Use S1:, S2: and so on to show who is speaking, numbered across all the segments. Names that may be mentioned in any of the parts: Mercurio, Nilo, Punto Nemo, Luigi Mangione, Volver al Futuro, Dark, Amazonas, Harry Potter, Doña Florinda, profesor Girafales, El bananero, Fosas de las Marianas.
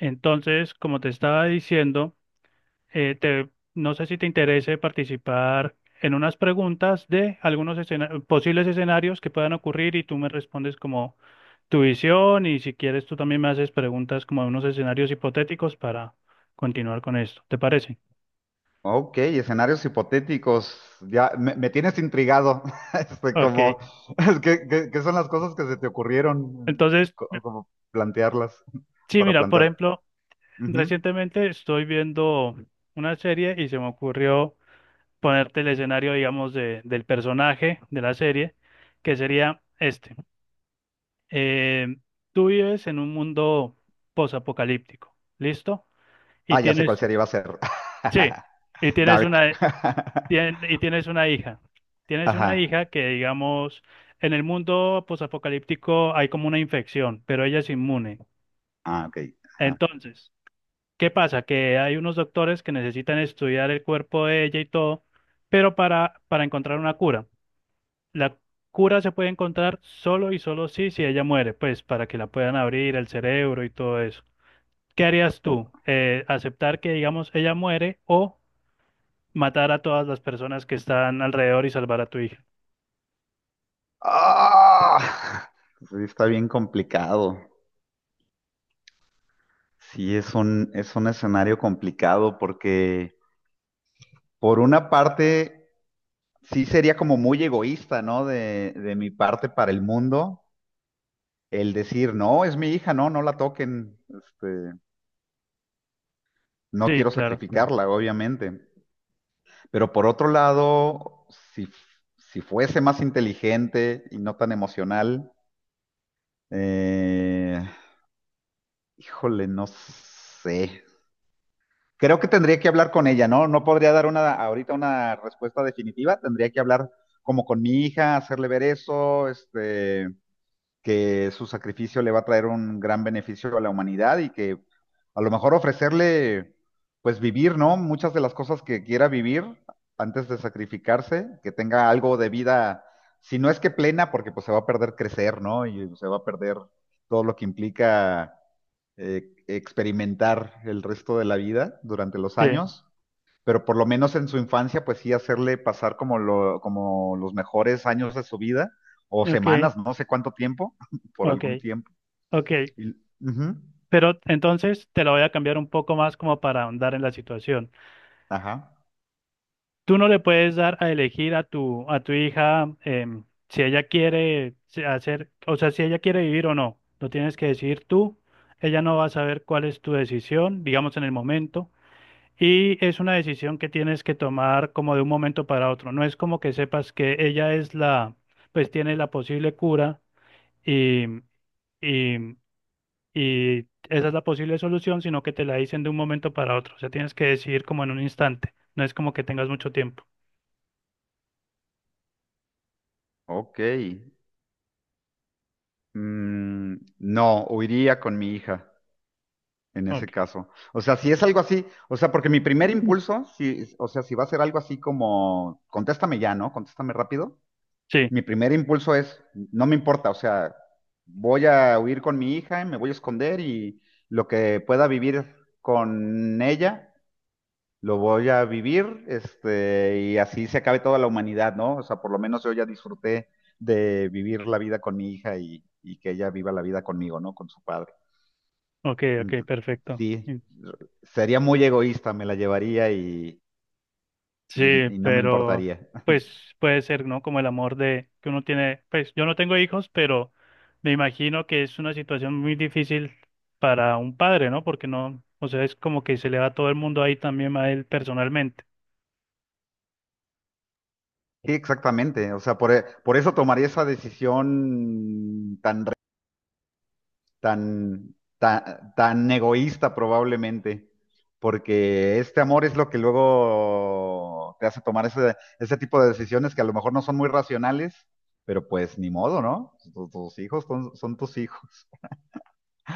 S1: Entonces, como te estaba diciendo, no sé si te interese participar en unas preguntas de algunos posibles escenarios que puedan ocurrir y tú me respondes como tu visión, y si quieres tú también me haces preguntas como de unos escenarios hipotéticos para continuar con esto. ¿Te parece?
S2: Ok, escenarios hipotéticos. Ya me tienes intrigado. Este,
S1: Ok.
S2: como, ¿ qué son las cosas que se te ocurrieron?
S1: Entonces,
S2: Como, plantearlas,
S1: sí,
S2: para
S1: mira, por
S2: plantear.
S1: ejemplo,
S2: Ujú.
S1: recientemente estoy viendo una serie y se me ocurrió ponerte el escenario, digamos, de, del personaje de la serie, que sería este. Eh, Tú vives en un mundo posapocalíptico, ¿listo? Y
S2: Ah, ya sé cuál
S1: tienes,
S2: serie va a ser.
S1: sí, y tienes
S2: Dark.
S1: una, y tienes una hija. Tienes una
S2: Ajá.
S1: hija que, digamos, en el mundo posapocalíptico hay como una infección, pero ella es inmune.
S2: Ah, ok. Ajá.
S1: Entonces, ¿qué pasa? Que hay unos doctores que necesitan estudiar el cuerpo de ella y todo, pero para encontrar una cura. La cura se puede encontrar solo y solo sí si ella muere, pues para que la puedan abrir el cerebro y todo eso. ¿Qué harías
S2: O-
S1: tú? Aceptar que, digamos, ella muere, o matar a todas las personas que están alrededor y salvar a tu hija?
S2: ¡Ah! Sí, está bien complicado. Sí, es un escenario complicado porque por una parte. Sí sería como muy egoísta, ¿no? De mi parte para el mundo, el decir, no, es mi hija, no la toquen, este, no
S1: Sí,
S2: quiero
S1: claro.
S2: sacrificarla, obviamente. Pero por otro lado, si, si fuese más inteligente y no tan emocional, eh, híjole, no sé. Creo que tendría que hablar con ella, ¿no? No podría dar una ahorita una respuesta definitiva, tendría que hablar como con mi hija, hacerle ver eso, este, que su sacrificio le va a traer un gran beneficio a la humanidad y que a lo mejor ofrecerle, pues vivir, ¿no? Muchas de las cosas que quiera vivir antes de sacrificarse, que tenga algo de vida, si no es que plena, porque pues se va a perder crecer, ¿no? Y se va a perder todo lo que implica experimentar el resto de la vida durante los
S1: Sí,
S2: años, pero por lo menos en su infancia, pues sí hacerle pasar como, como los mejores años de su vida, o
S1: ok,
S2: semanas, no sé cuánto tiempo, por
S1: ok,
S2: algún tiempo.
S1: ok.
S2: Y- ujú,
S1: Pero entonces te la voy a cambiar un poco más como para ahondar en la situación.
S2: Ajá,
S1: Tú no le puedes dar a elegir a tu hija si ella quiere hacer, o sea, si ella quiere vivir o no. Lo tienes que decidir tú. Ella no va a saber cuál es tu decisión, digamos, en el momento. Y es una decisión que tienes que tomar como de un momento para otro. No es como que sepas que ella es la, pues tiene la posible cura y, y, y esa es la posible solución, sino que te la dicen de un momento para otro. O sea, tienes que decidir como en un instante. No es como que tengas mucho tiempo.
S2: ok. No, huiría con mi hija en ese
S1: Ok.
S2: caso. O sea, si es algo así, o sea, porque mi primer impulso, si, o sea, si va a ser algo así como, contéstame ya, ¿no? Contéstame rápido.
S1: Sí,
S2: Mi primer impulso es, no me importa, o sea, voy a huir con mi hija, me voy a esconder y lo que pueda vivir con ella, lo voy a vivir, este, y así se acabe toda la humanidad, ¿no? O sea, por lo menos yo ya disfruté de vivir la vida con mi hija y que ella viva la vida conmigo, ¿no? Con su padre.
S1: ok, ok,
S2: Ent-
S1: perfecto.
S2: sí, sería muy egoísta, me la llevaría y,
S1: Sí,
S2: y- y no me
S1: pero
S2: importaría.
S1: pues puede ser, ¿no? Como el amor de que uno tiene, pues yo no tengo hijos, pero me imagino que es una situación muy difícil para un padre, ¿no? Porque no, o sea, es como que se le va todo el mundo ahí también a él personalmente.
S2: Sí, exactamente. Por eso tomaría esa decisión tan, tan, tan egoísta probablemente, porque este amor es lo que luego te hace tomar ese, ese tipo de decisiones que a lo mejor no son muy racionales, pero pues ni modo, ¿no? Tus, hijos son, son tus hijos.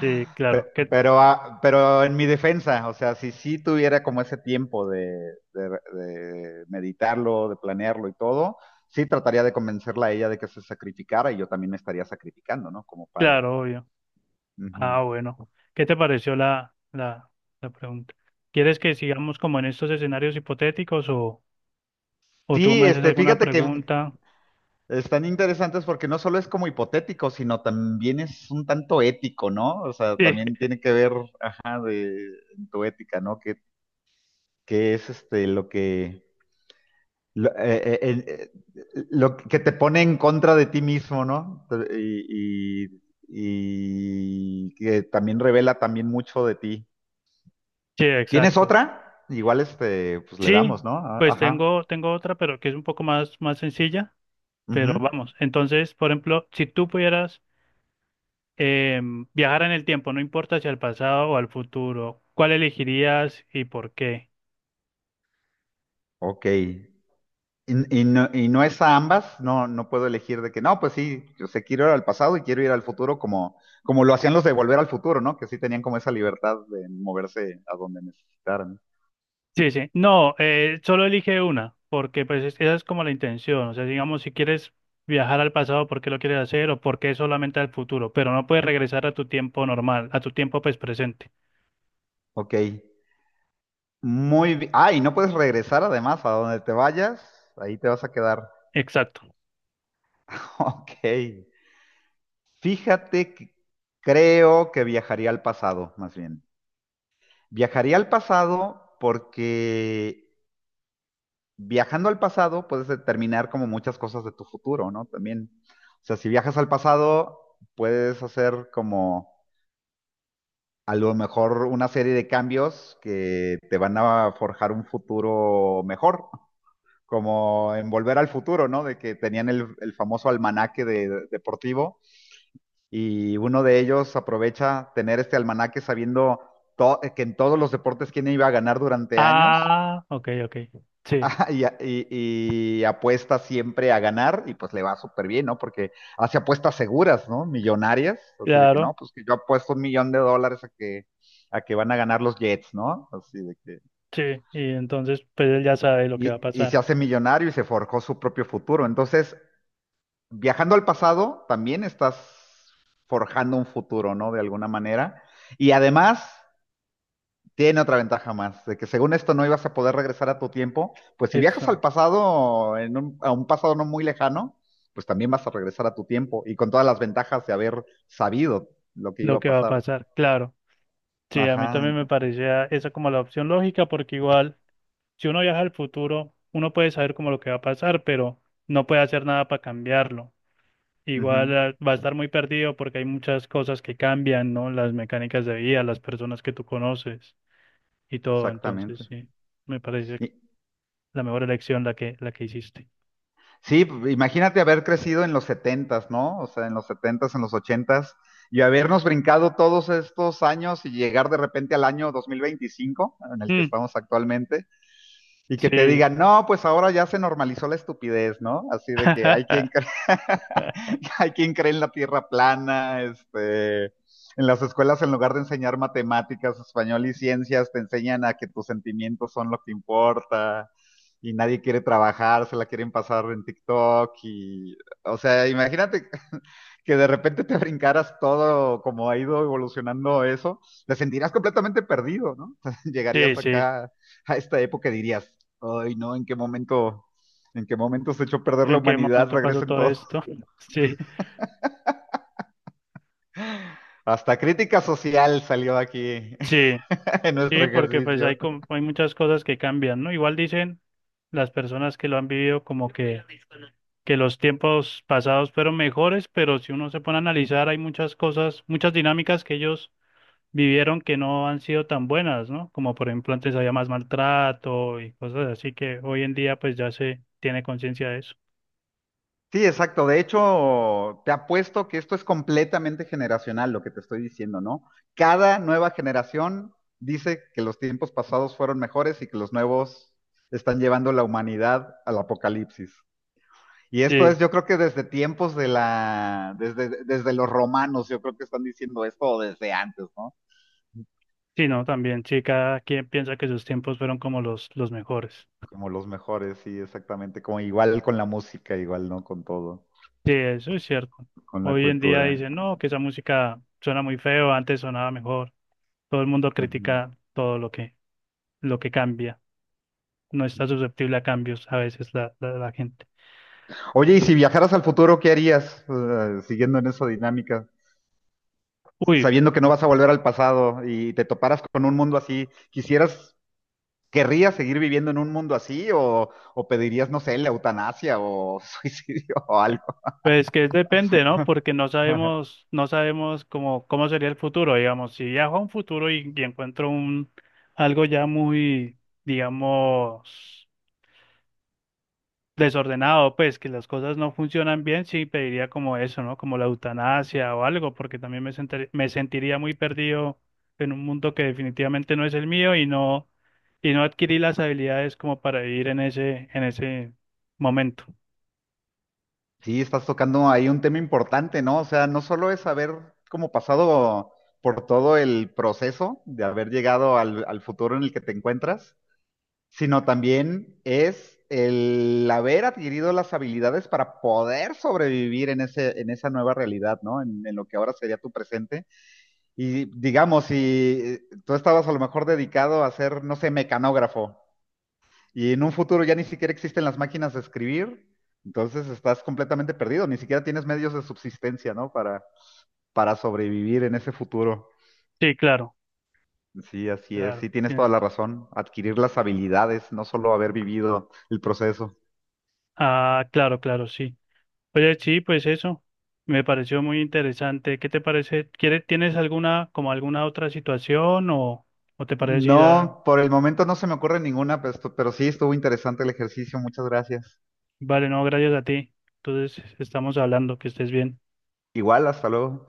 S1: Sí, claro, que
S2: Pero, ah, pero en mi defensa, o sea, si sí tuviera como ese tiempo de, de meditarlo, de planearlo y todo, sí trataría de convencerla a ella de que se sacrificara y yo también me estaría sacrificando, ¿no? Como padre.
S1: claro, obvio.
S2: Ujú.
S1: Ah, bueno. ¿Qué te pareció la la pregunta? ¿Quieres que sigamos como en estos escenarios hipotéticos, o tú
S2: Sí,
S1: me haces
S2: este,
S1: alguna
S2: fíjate que
S1: pregunta?
S2: están interesantes porque no solo es como hipotético, sino también es un tanto ético, ¿no? O sea,
S1: Sí,
S2: también tiene que ver, ajá, de en tu ética, ¿no? ¿Qué qué es este lo que te pone en contra de ti mismo, ¿no? Y, y- y que también revela también mucho de ti.
S1: sí,
S2: ¿Tienes
S1: exacto.
S2: otra? Igual este, pues le
S1: Sí,
S2: damos, ¿no? Ah,
S1: pues
S2: Ajá.
S1: tengo, tengo otra, pero que es un poco más, más sencilla,
S2: Ujú.
S1: pero vamos. Entonces, por ejemplo, si tú pudieras viajar en el tiempo, no importa si al pasado o al futuro, ¿cuál elegirías y por qué?
S2: Ok. Y no es a ambas, no, no puedo elegir de que no, pues sí, yo sé, quiero ir al pasado y quiero ir al futuro como, como lo hacían los de Volver al Futuro, ¿no? Que sí tenían como esa libertad de moverse a donde necesitaran.
S1: Sí, sí. No, solo elige una, porque pues esa es como la intención. O sea, digamos, si quieres viajar al pasado, ¿por qué lo quieres hacer, o por qué solamente al futuro? Pero no puedes regresar a tu tiempo normal, a tu tiempo pues presente.
S2: Ok. Muy bien. Ah, y no puedes regresar además a donde te vayas, ahí te vas a quedar.
S1: Exacto.
S2: Ok. Fíjate que creo que viajaría al pasado, más bien. Viajaría al pasado porque viajando al pasado puedes determinar como muchas cosas de tu futuro, ¿no? También. O sea, si viajas al pasado, puedes hacer como a lo mejor una serie de cambios que te van a forjar un futuro mejor. Como en Volver al Futuro, ¿no? De que tenían el famoso almanaque de, deportivo y uno de ellos aprovecha tener este almanaque sabiendo que en todos los deportes quién iba a ganar durante años
S1: Ah, ok, ok. Sí,
S2: ah, y, a- y- y apuesta siempre a ganar y pues le va súper bien, ¿no? Porque hace apuestas seguras, ¿no? Millonarias, así de que
S1: claro.
S2: no, pues que yo apuesto $1,000,000 a que van a ganar los Jets, ¿no? Así de que...
S1: Sí, y entonces pues él ya sabe lo que
S2: Y,
S1: va a
S2: y se
S1: pasar.
S2: hace millonario y se forjó su propio futuro. Entonces, viajando al pasado, también estás forjando un futuro, ¿no? De alguna manera. Y además, tiene otra ventaja más, de que según esto no ibas a poder regresar a tu tiempo, pues si viajas
S1: Exacto,
S2: al pasado, a un pasado no muy lejano, pues también vas a regresar a tu tiempo y con todas las ventajas de haber sabido lo que iba
S1: lo
S2: a
S1: que va a
S2: pasar.
S1: pasar, claro. Sí, a mí
S2: Ajá,
S1: también me parecía esa como la opción lógica porque igual si uno viaja al futuro, uno puede saber como lo que va a pasar, pero no puede hacer nada para cambiarlo. Igual
S2: ujú,
S1: va a estar muy perdido porque hay muchas cosas que cambian, ¿no? Las mecánicas de vida, las personas que tú conoces y todo. Entonces,
S2: exactamente.
S1: sí, me parece
S2: Y,
S1: la mejor elección la que hiciste.
S2: sí, imagínate haber crecido en los setentas, ¿no? O sea, en los setentas, en los ochentas, y habernos brincado todos estos años y llegar de repente al año 2025, en el que
S1: Mm,
S2: estamos actualmente, y que te
S1: sí.
S2: digan, no, pues ahora ya se normalizó la estupidez, ¿no? Así de que hay quien cree. Hay quien cree en la tierra plana, este, en las escuelas en lugar de enseñar matemáticas, español y ciencias, te enseñan a que tus sentimientos son lo que importa y nadie quiere trabajar, se la quieren pasar en TikTok y, o sea, imagínate que de repente te brincaras todo como ha ido evolucionando eso, te sentirías completamente perdido, ¿no?
S1: Sí,
S2: Llegarías
S1: sí.
S2: acá a esta época y dirías, ay, no, en qué momento se echó a perder la
S1: ¿En qué
S2: humanidad?
S1: momento pasó
S2: Regresen
S1: todo
S2: todos.
S1: esto? Sí,
S2: Hasta crítica social salió aquí
S1: sí,
S2: en nuestro
S1: sí, porque pues hay,
S2: ejercicio.
S1: hay muchas cosas que cambian, ¿no? Igual dicen las personas que lo han vivido como que los tiempos pasados fueron mejores, pero si uno se pone a analizar, hay muchas cosas, muchas dinámicas que ellos vivieron que no han sido tan buenas, ¿no? Como por ejemplo antes había más maltrato y cosas así que hoy en día pues ya se tiene conciencia de eso.
S2: Sí, exacto. De hecho, te apuesto que esto es completamente generacional lo que te estoy diciendo, ¿no? Cada nueva generación dice que los tiempos pasados fueron mejores y que los nuevos están llevando la humanidad al apocalipsis. Y esto es,
S1: Sí,
S2: yo creo que desde tiempos de la, desde, desde los romanos, yo creo que están diciendo esto o desde antes, ¿no?
S1: sí, no, también, sí, cada quien piensa que sus tiempos fueron como los mejores.
S2: Como los mejores, sí, exactamente. Como igual con la música, igual, ¿no? Con todo.
S1: Sí, eso es cierto.
S2: Con la
S1: Hoy en día
S2: cultura.
S1: dicen, no, que esa música suena muy feo, antes sonaba mejor. Todo el mundo
S2: Ujú.
S1: critica todo lo que cambia. No está susceptible a cambios a veces la gente.
S2: Oye, y si viajaras al futuro, ¿qué harías? Siguiendo en esa dinámica,
S1: Uy,
S2: sabiendo que no vas a volver al pasado y te toparas con un mundo así, ¿quisieras, querrías seguir viviendo en un mundo así o pedirías, no sé, la eutanasia o suicidio o algo?
S1: pues que depende, ¿no? Porque no sabemos, no sabemos cómo, cómo sería el futuro, digamos. Si viajo a un futuro y encuentro un, algo ya muy, digamos, desordenado, pues que las cosas no funcionan bien, sí pediría como eso, ¿no? Como la eutanasia o algo, porque también me me sentiría muy perdido en un mundo que definitivamente no es el mío y no adquirí las habilidades como para vivir en ese momento.
S2: Sí, estás tocando ahí un tema importante, ¿no? O sea, no solo es haber como pasado por todo el proceso de haber llegado al, al futuro en el que te encuentras, sino también es el haber adquirido las habilidades para poder sobrevivir en ese, en esa nueva realidad, ¿no? En lo que ahora sería tu presente. Y digamos, si tú estabas a lo mejor dedicado a ser, no sé, mecanógrafo, y en un futuro ya ni siquiera existen las máquinas de escribir, entonces estás completamente perdido, ni siquiera tienes medios de subsistencia, ¿no? Para sobrevivir en ese futuro.
S1: Sí, claro,
S2: Sí, así es,
S1: claro.
S2: sí tienes toda
S1: Tienes-
S2: la razón, adquirir las habilidades, no solo haber vivido el proceso.
S1: ah, claro, claro, sí. Oye, sí, pues eso. Me pareció muy interesante. ¿Qué te parece? ¿Quieres, tienes alguna como alguna otra situación, o te parece si la
S2: No, por el momento no se me ocurre ninguna, pues, pero sí estuvo interesante el ejercicio. Muchas gracias.
S1: Vale, no, gracias a ti. Entonces, estamos hablando, que estés bien.
S2: Igual, hasta luego.